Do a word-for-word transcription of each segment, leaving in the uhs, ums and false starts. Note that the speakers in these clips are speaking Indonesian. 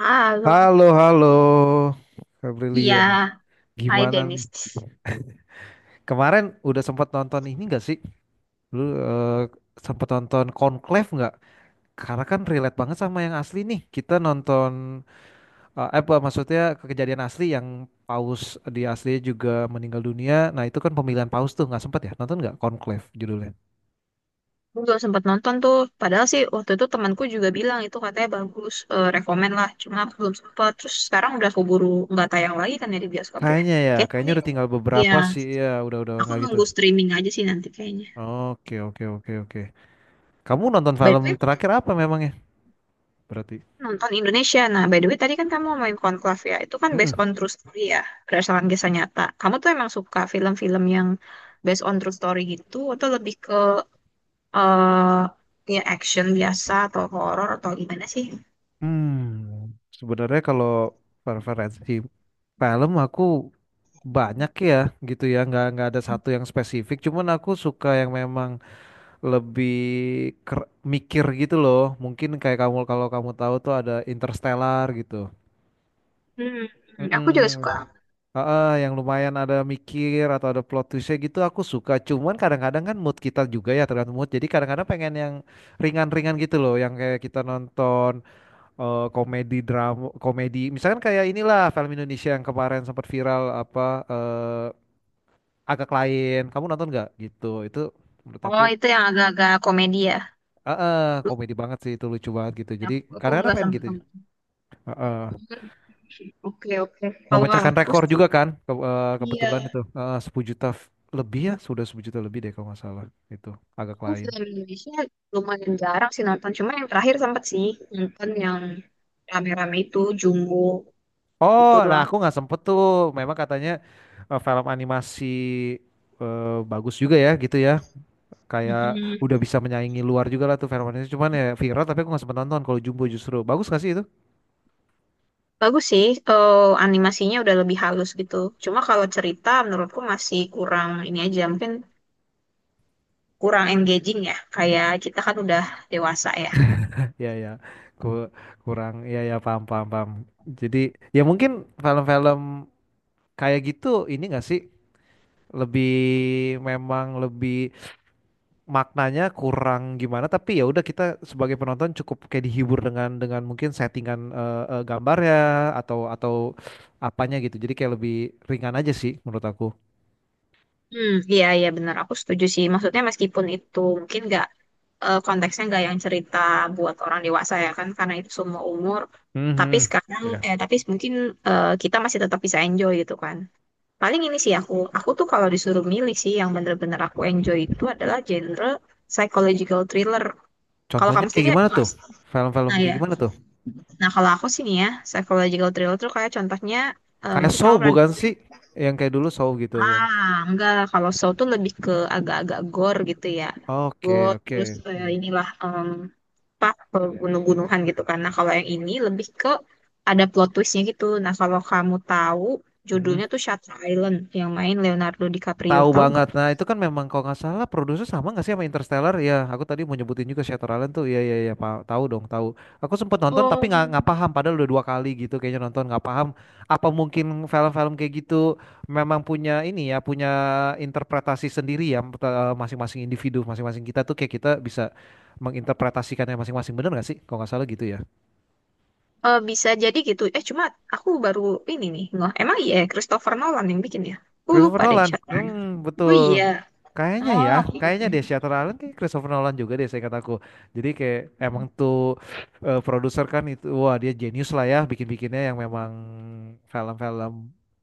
Halo, Halo, halo, Kak iya, Brilian. Hai Gimana nih? Dennis. Kemarin udah sempat nonton ini gak sih? Lu sempat nonton Conclave nggak? Karena kan relate banget sama yang asli nih. Kita nonton, eh eh, apa maksudnya kejadian asli yang Paus di asli juga meninggal dunia. Nah itu kan pemilihan Paus tuh nggak sempat ya? Nonton nggak Conclave judulnya? Gue belum sempat nonton tuh. Padahal sih waktu itu temanku juga bilang itu katanya bagus, eh, rekomen lah. Cuma aku belum sempat. Terus sekarang udah keburu nggak tayang lagi kan ya di bioskop ya. Kayaknya ya, Kayaknya kayaknya sih, udah tinggal ya beberapa sih ya. Udah udah aku nggak gitu. nunggu streaming aja sih nanti kayaknya. Oke, oke, oke, oke. Kamu nonton By film the way, terakhir apa memangnya? Berarti? nonton Indonesia. Nah, by the way tadi kan kamu main Conclave ya. Itu kan based Mm-mm. on true story ya, berdasarkan kisah nyata. Kamu tuh emang suka film-film yang based on true story gitu atau lebih ke eh ya action biasa atau horor atau gimana sih? Hmm, sebenarnya kalau preferensi film aku banyak ya gitu ya nggak nggak ada satu yang spesifik cuman aku suka yang memang lebih ker- mikir gitu loh, mungkin kayak kamu, kalau kamu tahu tuh ada Interstellar gitu. Hmm, hmm, aku juga Mm-mm. suka. Heeh, yang lumayan ada mikir atau ada plot twistnya gitu aku suka, cuman kadang-kadang kan mood kita juga ya, tergantung mood, jadi kadang-kadang pengen yang ringan-ringan gitu loh, yang kayak kita nonton, eh, komedi, drama komedi, misalkan kayak inilah film Indonesia yang kemarin sempat viral, apa, eh, agak lain, kamu nonton nggak gitu itu? Menurut aku Oh, itu yang agak-agak komedi ya. eh, eh, Lu- komedi banget sih itu, lucu banget gitu. Jadi Aku, aku kadang-kadang nggak pengen sampai gitu nonton. eh, eh. Oke, oke. Kalau Memecahkan aku rekor sih, juga kan ke- eh, kebetulan iya. itu eh, sepuluh juta f- lebih, ya sudah sepuluh juta lebih deh kalau nggak salah. Itu agak Aku lain. film Indonesia lumayan jarang sih nonton. Cuma yang terakhir sempat sih nonton yang rame-rame itu, Jumbo. Oh, Itu nah doang. aku nggak sempet tuh. Memang katanya eh, film animasi eh, bagus juga ya gitu ya, kayak Mhm. udah bisa menyaingi luar juga lah tuh Velvet, cuman ya viral tapi aku nggak sempet nonton. Kalau Jumbo justru bagus gak sih itu? Bagus sih, eh, animasinya udah lebih halus gitu. Cuma kalau cerita menurutku masih kurang ini aja. Mungkin kurang engaging ya. Kayak kita kan udah dewasa ya. Ya, ya, ku- kurang ya, ya paham, paham, paham. Jadi ya mungkin film-film kayak gitu, ini gak sih, lebih memang lebih maknanya kurang gimana, tapi ya udah, kita sebagai penonton cukup kayak dihibur dengan dengan mungkin settingan eh, eh, gambarnya atau atau apanya gitu. Jadi kayak lebih ringan aja sih menurut aku. Hmm, iya iya benar. Aku setuju sih. Maksudnya meskipun itu mungkin nggak eh, konteksnya nggak yang cerita buat orang dewasa ya kan karena itu semua umur. Tapi Mhm. sekarang Ya. eh tapi mungkin eh, kita masih tetap bisa enjoy gitu kan. Paling ini sih aku aku tuh kalau disuruh milih sih yang bener-bener aku enjoy itu adalah genre psychological thriller. Kalau Contohnya kamu kayak sendiri apa? gimana tuh? Mas? Film-film Nah ya. kayak gimana tuh? Nah kalau aku sih nih ya psychological thriller tuh kayak contohnya eh, Kayak mungkin Saw kamu pernah. bukan sih? Yang kayak dulu Saw gitu yang. Ah, enggak. Kalau show tuh lebih ke agak-agak gore gitu ya. Oke, Gore, terus oke. eh, Hmm. inilah em pak gunung-gunungan gitu. Karena kalau yang ini lebih ke ada plot twistnya gitu. Nah, kalau kamu tahu Mm-mm. judulnya tuh Shutter Island yang main Leonardo DiCaprio. Tahu Tahu nggak? banget. Nah, itu kan memang kalau nggak salah produser sama nggak sih sama Interstellar? Ya, aku tadi mau nyebutin juga Shutter Island tuh. Iya, iya, iya, pa- tahu dong, tahu. Aku sempet nonton tapi Oh, nggak nggak paham. Padahal udah dua kali gitu kayaknya nonton nggak paham. Apa mungkin film-film kayak gitu memang punya ini ya, punya interpretasi sendiri ya, eh, masing-masing individu, masing-masing kita tuh kayak kita bisa menginterpretasikannya masing-masing, bener nggak sih? Kalau nggak salah gitu ya. Eh bisa jadi gitu. Eh, cuma aku baru ini nih. Nggak, emang iya Christopher Nolan yang bikin ya? Aku Christopher lupa deh Nolan, Shutter Island. hmm, Oh iya. betul. Kayaknya Oh, ya, oke, kayaknya oke. deh Shutter Island kayak Christopher Nolan juga deh, saya kataku. Jadi kayak emang tuh eh, produser kan itu, wah dia jenius lah ya, bikin-bikinnya yang memang film-film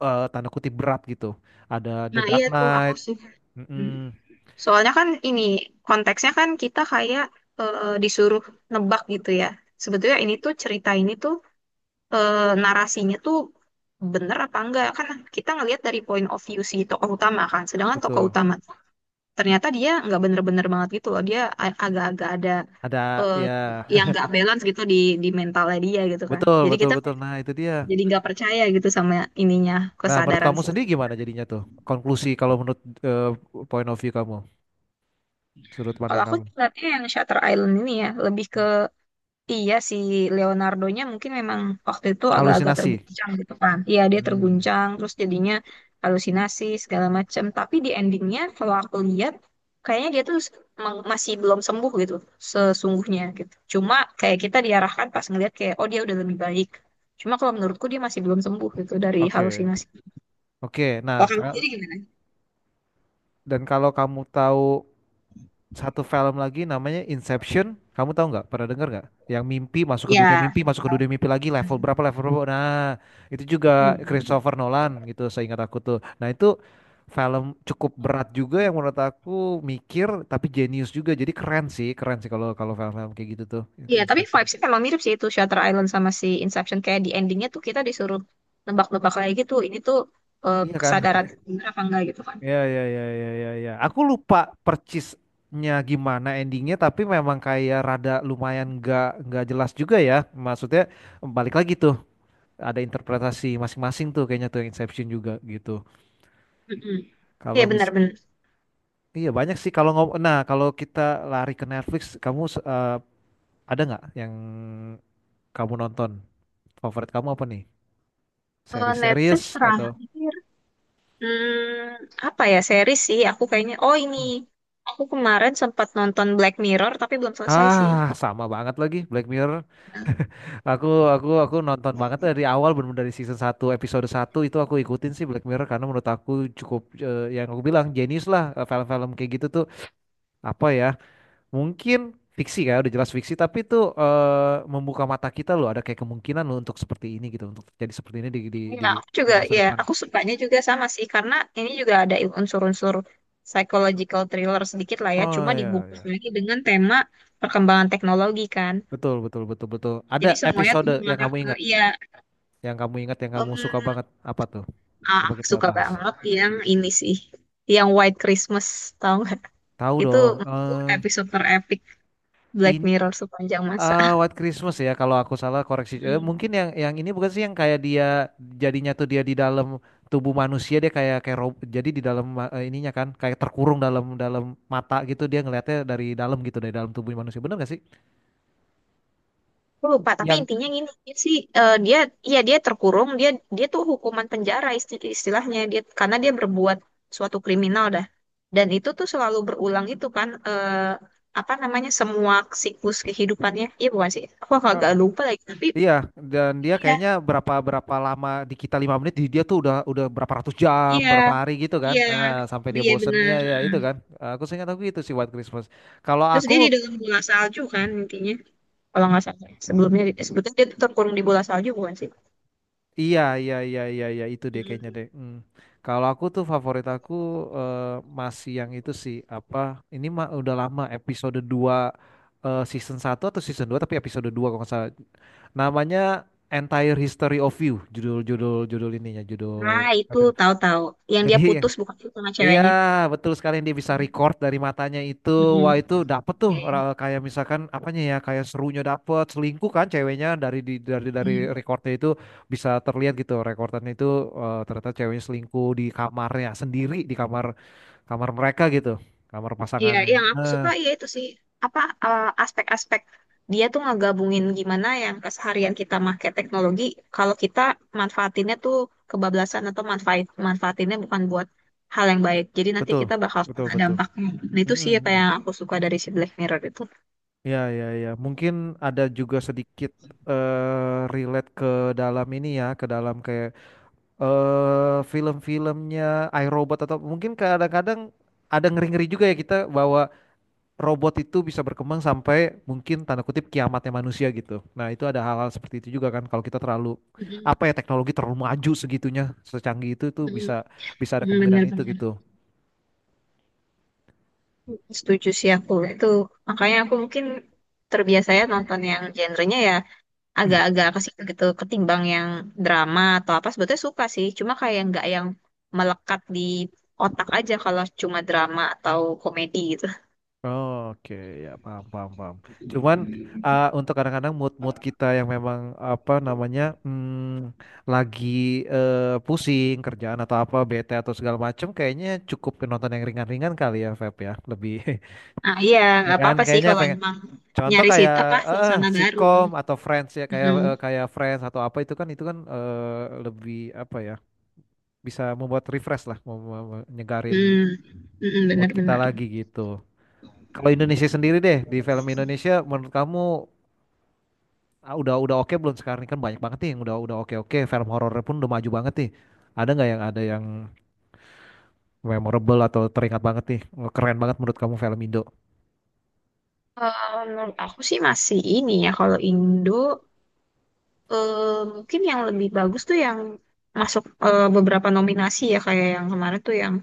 eh, tanda kutip berat gitu. Ada The Nah, Dark iya tuh aku Knight, suka. mm-mm, Soalnya kan ini konteksnya kan kita kayak eh, disuruh nebak gitu ya. Sebetulnya ini tuh cerita ini tuh eh, narasinya tuh bener apa enggak kan kita ngelihat dari point of view si tokoh utama kan. Sedangkan tokoh betul. utama ternyata dia nggak bener-bener banget gitu loh. Dia a- agak-agak ada Ada eh, ya, yang nggak balance gitu di di mentalnya dia gitu kan. betul, Jadi betul, kita betul. Nah itu dia. jadi nggak percaya gitu sama ininya Nah menurut kesadaran kamu situ. sendiri gimana jadinya tuh? Konklusi kalau menurut eh, point of view kamu, sudut Kalau pandang aku kamu. lihatnya yang Shutter Island ini ya lebih Hmm. ke. Iya si Leonardo-nya mungkin memang waktu itu agak-agak Halusinasi. terguncang gitu kan. Iya dia Hmm, terguncang terus jadinya halusinasi segala macam. Tapi di endingnya kalau aku lihat kayaknya dia tuh meng- masih belum sembuh gitu sesungguhnya gitu. Cuma kayak kita diarahkan pas ngelihat kayak oh dia udah lebih baik. Cuma kalau menurutku dia masih belum sembuh gitu dari oke. halusinasi. Oke, Kalau nah kamu ka- sendiri gimana? dan kalau kamu tahu satu film lagi namanya Inception, kamu tahu nggak? Pernah dengar nggak? Yang mimpi masuk ke dunia Ya. mimpi, masuk ke dunia Salah. mimpi lagi, level berapa level berapa? Nah, itu juga Hmm. Christopher Nolan gitu, seingat aku tuh. Nah itu film cukup berat juga, yang menurut aku mikir tapi jenius juga. Jadi keren sih, keren sih kalau kalau film-film kayak gitu tuh. Iya, tapi Inception. vibes-nya memang mirip sih itu Shutter Island sama si Inception. Kayak di endingnya tuh kita disuruh nebak-nebak lagi gitu. Ini tuh eh, Iya kan? kesadaran bener apa enggak gitu kan. Ya, ya, ya, ya, ya, ya. Aku lupa percisnya gimana endingnya, tapi memang kayak rada lumayan nggak nggak jelas juga ya. Maksudnya balik lagi tuh, ada interpretasi masing-masing tuh kayaknya tuh yang Inception juga gitu. Mm-mm. Iya Kalau mis, benar-benar. iya banyak sih kalau ngom, nah kalau kita lari ke Netflix, kamu eh, ada nggak yang kamu nonton? Favorit kamu apa nih? Eh, Netflix Seri-series atau? terakhir. Hmm, apa ya series sih? Aku kayaknya. Oh ini. Aku kemarin sempat nonton Black Mirror tapi belum selesai sih. Ah, sama banget lagi Black Mirror. Aku, aku aku nonton banget dari awal, bener dari season satu episode satu itu aku ikutin sih Black Mirror, karena menurut aku cukup eh, yang aku bilang jenius lah, eh, film-film kayak gitu tuh, apa ya, mungkin fiksi, ya udah jelas fiksi, tapi tuh eh, membuka mata kita loh, ada kayak kemungkinan loh untuk seperti ini gitu, untuk jadi seperti ini di di di, Iya, aku di juga. masa Ya, depan. aku sukanya juga sama sih karena ini juga ada unsur-unsur psychological thriller sedikit lah ya. Oh Cuma ya, dibungkus ya. lagi dengan tema perkembangan teknologi kan. Betul, betul, betul, betul. Ada Jadi semuanya tuh episode yang mengarah kamu ke ingat, iya yang kamu ingat, yang kamu suka em, banget apa tuh? ah, Coba kita suka bahas. banget yang ini sih, yang White Christmas tau nggak? Tahu Itu dong. itu episode terepik Black Em, Mirror sepanjang masa. eh, White Christmas ya kalau aku salah koreksi. Eh, Hmm. mungkin yang yang ini bukan sih yang kayak dia jadinya tuh, dia di dalam tubuh manusia, dia kayak kayak rob- jadi di dalam eh, ininya kan kayak terkurung dalam dalam mata gitu, dia ngelihatnya dari dalam gitu, dari dalam tubuh manusia, bener gak sih Aku lupa, tapi yang? intinya gini dia sih eh, dia ya dia terkurung, dia dia tuh hukuman penjara isti- istilahnya dia karena dia berbuat suatu kriminal dah. Dan itu tuh selalu berulang itu kan eh, apa namanya semua siklus kehidupannya. Iya bukan sih? Aku Eh, agak lupa lagi tapi iya, dan dia iya, kayaknya berapa berapa lama di kita lima menit, di dia tuh udah udah berapa ratus jam, iya, berapa hari gitu kan, iya, nah sampai dia iya bosen, ya benar. ya Ah. itu kan. Eh, aku seingat aku gitu sih White Christmas kalau Terus aku. dia di dalam bola salju kan intinya, kalau nggak salah. Sebelumnya eh, sebetulnya dia tuh terkurung di bola salju bukan sih? Iya, iya, iya, iya, iya, itu deh kayaknya Mm. deh. Hmm. Kalau aku tuh favorit aku eh, masih yang itu sih, apa? Ini mah udah lama, episode dua, eh, season satu atau season dua, tapi episode dua kalau nggak salah. Namanya Entire History of You, judul judul judul ininya, judul Ah itu episode. tahu-tahu yang Jadi, dia putus bukan sih sama iya, ceweknya? betul sekali, yang dia bisa Mm. record dari matanya itu. Mm-mm. Wah, itu dapet tuh, Iya, iya. Ra- kayak misalkan apanya ya, kayak serunya dapet, selingkuh kan ceweknya dari di, dari dari Mm. recordnya itu bisa terlihat gitu. Rekordannya itu eh, ternyata ceweknya selingkuh di kamarnya sendiri, di kamar, kamar mereka gitu, kamar Iya, pasangannya. yang aku Nah, suka ya itu sih apa eh, aspek-aspek dia tuh ngegabungin gimana yang keseharian kita pakai teknologi kalau kita manfaatinnya tuh kebablasan atau manfaat manfaatinnya bukan buat hal yang baik. Jadi nanti betul. kita bakal Betul, kena betul. dampaknya. Nah, itu sih apa Mm-mm. yang aku suka dari si Black Mirror itu. Ya, ya, ya. Mungkin ada juga sedikit eh relate ke dalam ini ya, ke dalam kayak eh film-filmnya iRobot, atau mungkin kadang-kadang ada ngeri-ngeri juga ya kita, bahwa robot itu bisa berkembang sampai mungkin tanda kutip kiamatnya manusia gitu. Nah, itu ada hal-hal seperti itu juga kan kalau kita terlalu, Mm-mm, apa ya, teknologi terlalu maju segitunya, secanggih itu itu mm-mm, bisa, bisa ada mm, kemungkinan itu bener-bener. gitu. Setuju sih aku. Itu makanya aku mungkin terbiasanya nonton yang genrenya ya agak-agak ke situ gitu ketimbang yang drama atau apa sebetulnya suka sih cuma kayak nggak yang melekat di otak aja kalau cuma drama atau komedi gitu. Oke, ya paham, paham, paham. Cuman uh, untuk kadang-kadang mood-mood kita yang memang apa namanya, hmm, lagi eh, pusing kerjaan atau apa, bete atau segala macem, kayaknya cukup ke nonton yang ringan-ringan kali ya, Feb ya, lebih Ah iya, ya nggak kan? apa-apa sih Kayaknya kalau pengen, emang contoh nyari kayak situ apa eh, eh, suasana baru. sitkom Mm, atau Friends ya, kayak eh, kayak Friends atau apa itu, kan itu kan eh, lebih apa ya? Bisa membuat refresh lah, mem- mem- nyegarin mm, mm-mm, mood kita benar-benar. lagi gitu. Kalau Indonesia sendiri deh, di film Indonesia menurut kamu ah, udah, udah oke belum sekarang ini? Kan banyak banget nih yang udah, udah oke, oke film horornya pun udah maju banget nih. Ada nggak yang ada yang memorable atau teringat banget nih, keren banget menurut kamu film Indo? Eh, menurut aku sih masih ini ya kalau Indo eh, mungkin yang lebih bagus tuh yang masuk eh, beberapa nominasi ya kayak yang kemarin tuh yang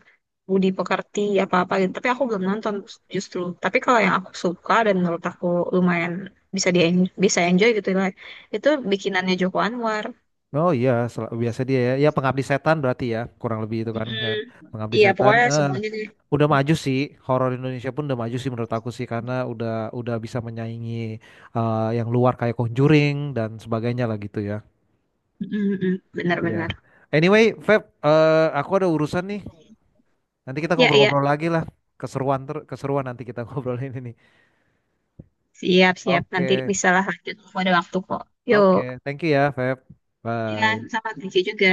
Budi Pekerti apa-apa gitu. Tapi aku belum nonton justru. Tapi kalau yang aku suka dan menurut aku lumayan bisa di bisa enjoy gitu lah. Itu bikinannya Joko Anwar. Oh iya, sel- biasa dia ya. Ya Pengabdi Setan berarti ya kurang lebih itu kan. Ya, Mm-mm. Pengabdi Iya Setan. pokoknya Eh, semuanya deh. udah maju sih, horor Indonesia pun udah maju sih menurut aku sih, karena udah udah bisa menyaingi eh, yang luar kayak Conjuring dan sebagainya lah gitu ya. Mm-mm. Iya. Benar-benar. Anyway, Feb, eh, aku ada urusan nih. Nanti kita Ya iya ngobrol-ngobrol lagi lah. Keseruan, ter keseruan nanti kita ngobrolin ini. siap-siap nanti Oke, bisa lah lanjut. Aku ada waktu kok. oke. Yuk. Thank you ya, Feb. Ya Bye. sama thank you juga.